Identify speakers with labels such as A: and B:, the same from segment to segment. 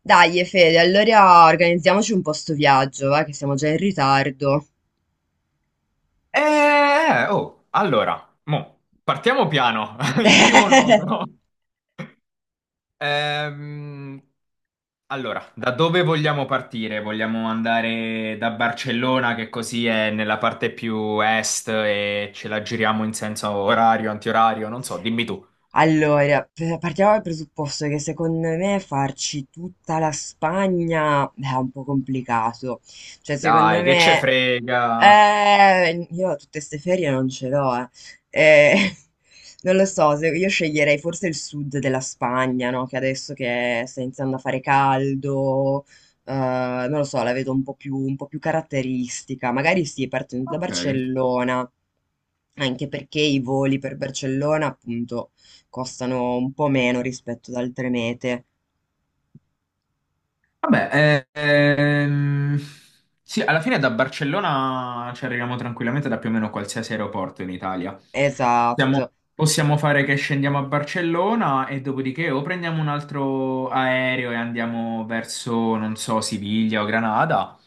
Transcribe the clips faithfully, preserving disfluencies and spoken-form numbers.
A: Dai, Fede, allora organizziamoci un po' sto viaggio, va, che siamo già in ritardo.
B: Eh, eh, oh, allora, mo, partiamo piano, in primo luogo. Ehm, allora, da dove vogliamo partire? Vogliamo andare da Barcellona, che così è nella parte più est e ce la giriamo in senso orario, antiorario, non so, dimmi tu.
A: Allora, p- partiamo dal presupposto che secondo me farci tutta la Spagna eh, è un po' complicato. Cioè, secondo
B: Dai, che ce
A: me.
B: frega.
A: Eh, io tutte ste ferie non ce l'ho, eh. Eh, Non lo so, se- io sceglierei forse il sud della Spagna, no? Che adesso che sta iniziando a fare caldo, eh, non lo so, la vedo un po' più, un po' più caratteristica. Magari sì, partendo da
B: Ok.
A: Barcellona, anche perché i voli per Barcellona, appunto, costano un po' meno rispetto ad altre mete.
B: Vabbè, eh, ehm, sì, alla fine da Barcellona ci arriviamo tranquillamente da più o meno qualsiasi aeroporto in Italia. Possiamo,
A: Esatto.
B: possiamo fare che scendiamo a Barcellona e dopodiché o prendiamo un altro aereo e andiamo verso, non so, Siviglia o Granada,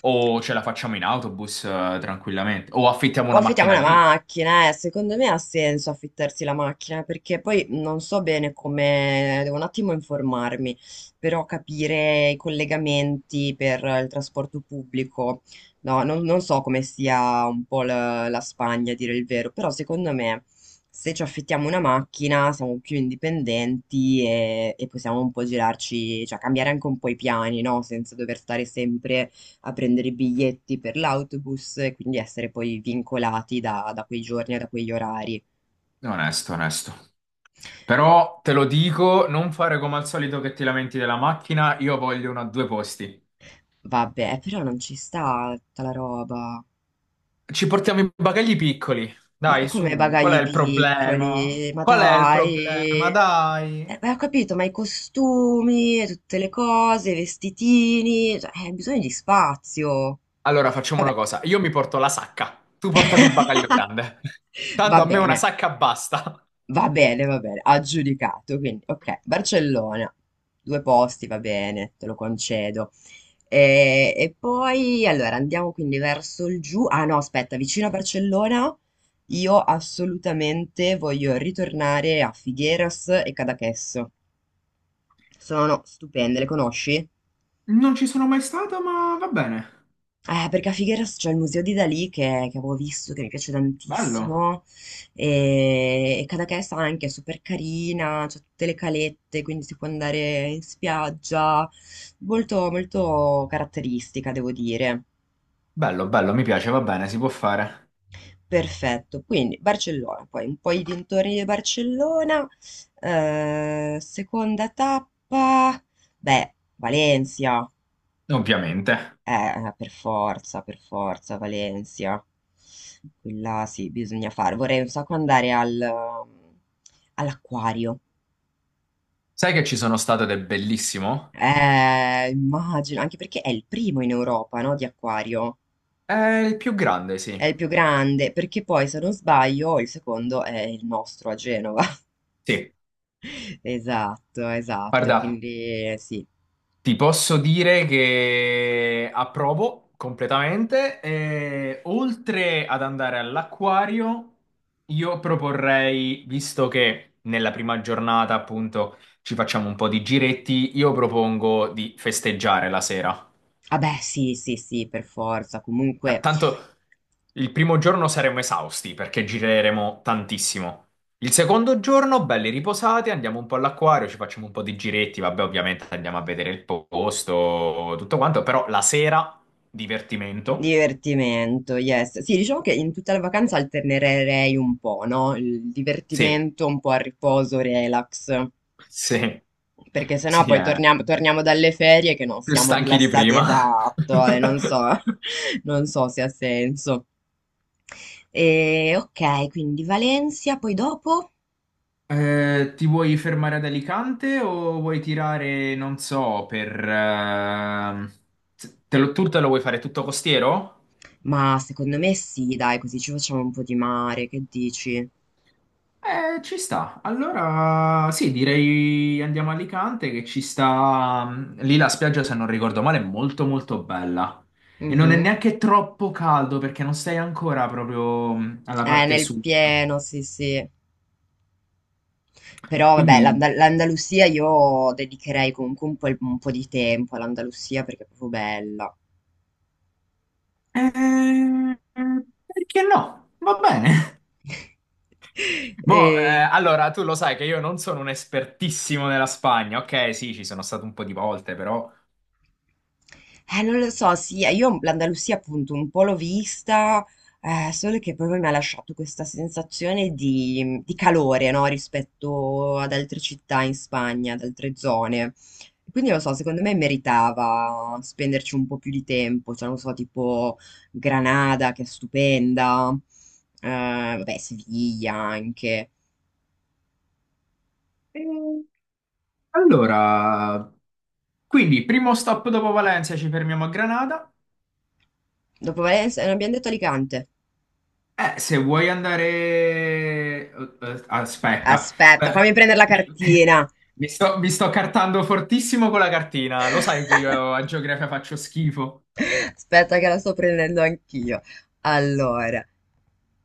B: o ce la facciamo in autobus, eh, tranquillamente, o affittiamo
A: O
B: una
A: affittiamo
B: macchina
A: una
B: lì.
A: macchina, eh. Secondo me ha senso affittarsi la macchina perché poi non so bene come, devo un attimo informarmi, però capire i collegamenti per il trasporto pubblico, no, non, non so come sia un po' la, la Spagna, a dire il vero, però secondo me se ci affittiamo una macchina siamo più indipendenti e, e possiamo un po' girarci, cioè cambiare anche un po' i piani, no? Senza dover stare sempre a prendere i biglietti per l'autobus e quindi essere poi vincolati da, da quei giorni e da quegli orari.
B: Onesto, onesto. Però te lo dico, non fare come al solito che ti lamenti della macchina, io voglio una a due posti.
A: Vabbè, però non ci sta tutta la roba.
B: Ci portiamo i bagagli piccoli.
A: Ma
B: Dai,
A: come
B: su, qual è
A: bagagli
B: il problema?
A: piccoli? Ma
B: Qual è il
A: dai!
B: problema?
A: Eh,
B: Dai.
A: beh, ho capito, ma i costumi, e tutte le cose, i vestitini, cioè, eh, bisogna di spazio.
B: Allora facciamo una
A: Vabbè.
B: cosa, io mi porto la sacca, tu portati il bagaglio grande.
A: Va
B: Tanto a me una
A: bene.
B: sacca basta.
A: Va bene, va bene, aggiudicato. Quindi, ok, Barcellona, due posti, va bene, te lo concedo. E, e poi, allora, andiamo quindi verso il giù. Ah no, aspetta, vicino a Barcellona io assolutamente voglio ritornare a Figueras e Cadaqués. Sono stupende, le conosci?
B: Non ci sono mai stato, ma va bene.
A: Eh, perché a Figueras c'è il museo di Dalì che, che avevo visto, che mi piace
B: Bello.
A: tantissimo, e, e Cadaqués anche è super carina, c'è tutte le calette, quindi si può andare in spiaggia, molto, molto caratteristica, devo dire.
B: Bello, bello, mi piace, va bene, si può fare.
A: Perfetto, quindi Barcellona, poi un po' i dintorni di Barcellona, eh, seconda tappa, beh, Valencia.
B: Ovviamente.
A: Eh, per forza, per forza, Valencia. Quella sì, bisogna fare. Vorrei un sacco andare al, all'acquario.
B: Sai che ci sono stato ed è bellissimo?
A: Eh, immagino, anche perché è il primo in Europa, no, di acquario.
B: È il più grande,
A: È
B: sì.
A: il più grande, perché poi, se non sbaglio, il secondo è il nostro a Genova.
B: Sì,
A: Esatto, esatto,
B: guarda,
A: quindi sì.
B: ti posso dire che approvo completamente. E oltre ad andare all'acquario, io proporrei, visto che nella prima giornata appunto ci facciamo un po' di giretti, io propongo di festeggiare la sera.
A: Vabbè, sì, sì, sì, per forza.
B: T-
A: Comunque.
B: Tanto il primo giorno saremo esausti perché gireremo tantissimo. Il secondo giorno, belli riposati, andiamo un po' all'acquario, ci facciamo un po' di giretti, vabbè, ovviamente andiamo a vedere il posto, tutto quanto, però la sera, divertimento.
A: Divertimento, yes. Sì, diciamo che in tutta la vacanza alternerei un po', no? Il
B: Sì,
A: divertimento un po' a riposo, relax.
B: sì,
A: Perché sennò
B: sì,
A: poi
B: eh,
A: torniamo, torniamo dalle ferie che non
B: più
A: siamo
B: stanchi di
A: rilassati,
B: prima.
A: esatto, e non so, non so se ha senso. E, ok, quindi Valencia, poi dopo?
B: Eh, ti vuoi fermare ad Alicante o vuoi tirare, non so, per... ehm, Te lo- tu te lo vuoi fare tutto costiero?
A: Ma secondo me sì, dai, così ci facciamo un po' di mare, che dici?
B: Eh, ci sta. Allora, sì, direi andiamo a Alicante che ci sta... mm, lì la spiaggia, se non ricordo male, è molto molto bella. E non è
A: Mhm.
B: neanche troppo caldo perché non sei ancora proprio mh, alla
A: Eh,
B: parte
A: nel
B: sud.
A: pieno, sì, sì. Però vabbè,
B: Quindi...
A: l'Anda- l'Andalusia io dedicherei comunque un po', il- un po' di tempo all'Andalusia perché è proprio bella.
B: eh, perché no? Va bene. Mo, eh,
A: E
B: allora, tu lo sai che io non sono un espertissimo nella Spagna. Ok, sì, ci sono stato un po' di volte, però...
A: Eh, non lo so, sì, eh, io l'Andalusia appunto un po' l'ho vista, eh, solo che proprio mi ha lasciato questa sensazione di, di calore, no, rispetto ad altre città in Spagna, ad altre zone. Quindi non lo so, secondo me meritava spenderci un po' più di tempo, cioè non so, tipo Granada, che è stupenda, eh, vabbè, Siviglia anche.
B: Eh, Allora, quindi, primo stop dopo Valencia, ci fermiamo a Granada.
A: Dopo Valencia, non abbiamo detto Alicante.
B: Eh, se vuoi andare... eh, eh, aspetta.
A: Aspetta,
B: Eh,
A: fammi prendere la
B: mi,
A: cartina.
B: mi sto, mi sto cartando fortissimo con la cartina. Lo sai che io a geografia faccio schifo.
A: Aspetta che la sto prendendo anch'io. Allora,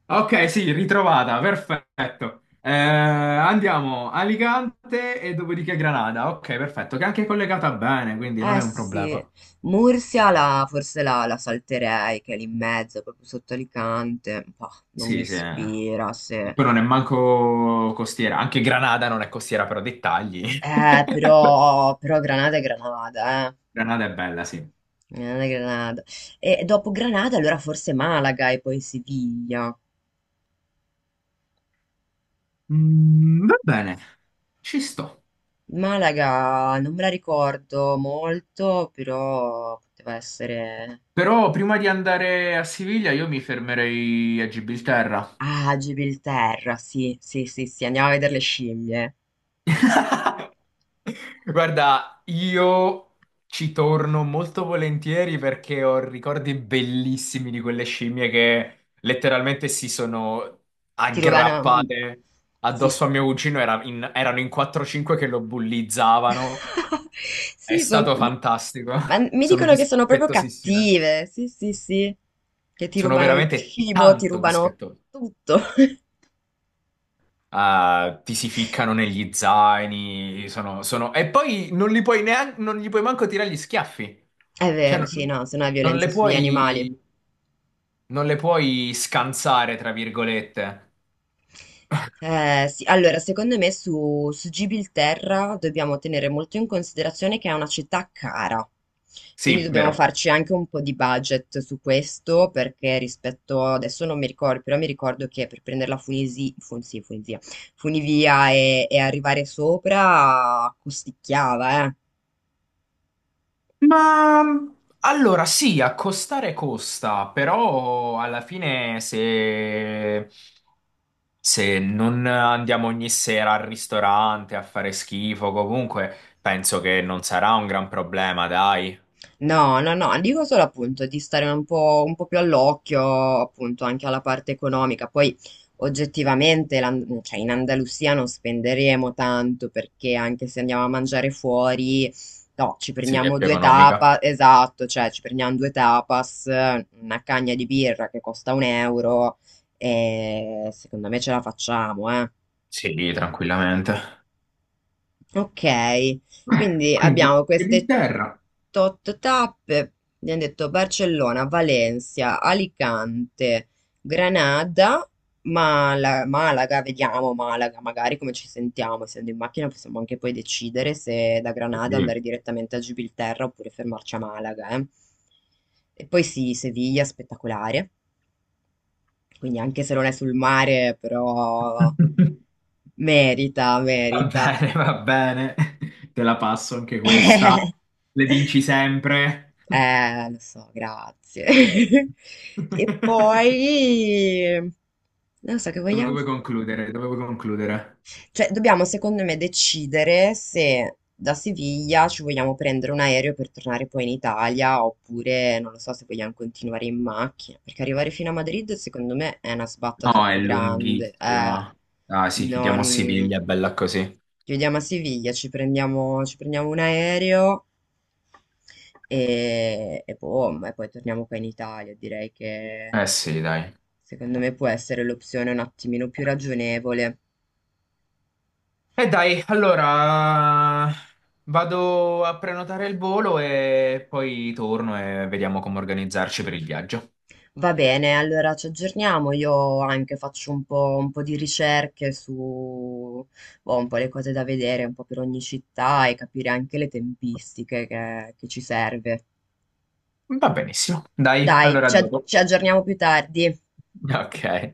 B: Ok, sì, ritrovata, perfetto. Eh, andiamo a Alicante e dopodiché Granada. Ok, perfetto, che è anche collegata bene, quindi non
A: eh
B: è un
A: sì,
B: problema.
A: Mursia la, forse la, la salterei, che è lì in mezzo, proprio sotto Alicante. Bah, non mi
B: Sì, sì.
A: ispira.
B: E
A: Se...
B: poi non è manco costiera. Anche Granada non è costiera, però dettagli.
A: Eh, però, però Granada è Granada, eh.
B: Granada è bella, sì.
A: Granada è Granada. E dopo Granada, allora forse Malaga e poi Siviglia.
B: Mm, va bene, ci sto.
A: Malaga non me la ricordo molto, però poteva essere.
B: Però prima di andare a Siviglia io mi fermerei a Gibilterra.
A: Ah, Gibilterra, sì, sì, sì, sì, andiamo a vedere le scimmie.
B: Guarda, io ci torno molto volentieri perché ho ricordi bellissimi di quelle scimmie che letteralmente si sono
A: Tirovana, mh,
B: aggrappate
A: sì,
B: addosso a
A: s-
B: mio cugino. Era in- erano in quattro cinque che lo bullizzavano. È
A: sì, son-
B: stato
A: mi,
B: fantastico.
A: ma mi
B: Sono
A: dicono che sono proprio
B: dispettosissime.
A: cattive, sì, sì, sì, che ti
B: Sono
A: rubano il
B: veramente
A: cibo, ti
B: tanto
A: rubano
B: dispettose.
A: tutto.
B: Eh, ti si ficcano negli zaini, sono, sono- e poi non li puoi neanche, non gli puoi manco tirare gli schiaffi.
A: È
B: Cioè,
A: vero,
B: non,
A: sì, no, se no è
B: non le
A: violenza sugli animali.
B: puoi, non le puoi scansare, tra virgolette.
A: Eh, sì, allora, secondo me su, su Gibilterra dobbiamo tenere molto in considerazione che è una città cara, quindi
B: Sì,
A: dobbiamo
B: vero.
A: farci anche un po' di budget su questo, perché rispetto, adesso non mi ricordo, però mi ricordo che per prendere la Funisi, Fun- sì, Funivia, Funivia e, e arrivare sopra costicchiava, eh.
B: Ma allora sì, accostare costa, però alla fine se, se non andiamo ogni sera al ristorante a fare schifo, comunque penso che non sarà un gran problema, dai.
A: No, no, no, dico solo appunto di stare un po', un po' più all'occhio appunto anche alla parte economica. Poi oggettivamente l'An- cioè, in Andalusia non spenderemo tanto perché anche se andiamo a mangiare fuori, no, ci
B: Sì, è
A: prendiamo
B: più
A: due
B: economica.
A: tapas, esatto, cioè ci prendiamo due tapas, una cagna di birra che costa un euro e secondo me ce la facciamo, eh.
B: Sì, tranquillamente.
A: Ok,
B: Eh,
A: quindi
B: quindi,
A: abbiamo queste
B: Inghilterra.
A: tot tappe, abbiamo detto Barcellona, Valencia, Alicante, Granada, Mala- Malaga, vediamo Malaga, magari come ci sentiamo, essendo in macchina possiamo anche poi decidere se da Granada
B: Sì.
A: andare direttamente a Gibilterra oppure fermarci a Malaga, eh. E poi sì, Siviglia, spettacolare, quindi anche se non è sul mare, però merita,
B: Va
A: merita.
B: bene, va bene. Te la passo anche questa. Le vinci sempre.
A: Eh, lo so, grazie.
B: Dove
A: E poi, non so che vogliamo
B: vuoi concludere? Dove vuoi concludere?
A: cioè, dobbiamo secondo me decidere se da Siviglia ci vogliamo prendere un aereo per tornare poi in Italia oppure non lo so se vogliamo continuare in macchina, perché arrivare fino a Madrid secondo me è una sbatta
B: No, è
A: troppo grande. Eh,
B: lunghissima. Ah sì, chiudiamo a
A: non...
B: Siviglia, bella così.
A: Ci vediamo a Siviglia, ci prendiamo, ci prendiamo un aereo e, e boom, e poi torniamo qua in Italia. Direi che
B: Eh sì, dai.
A: secondo me può essere l'opzione un attimino più ragionevole.
B: E dai, allora vado a prenotare il volo e poi torno e vediamo come organizzarci per il viaggio.
A: Va bene, allora ci aggiorniamo. Io anche faccio un po', un po' di ricerche su, boh, un po' le cose da vedere, un po' per ogni città e capire anche le tempistiche che, che ci serve.
B: Va benissimo. Dai,
A: Dai,
B: allora a
A: ci ag-
B: dopo.
A: ci aggiorniamo più tardi.
B: Ok.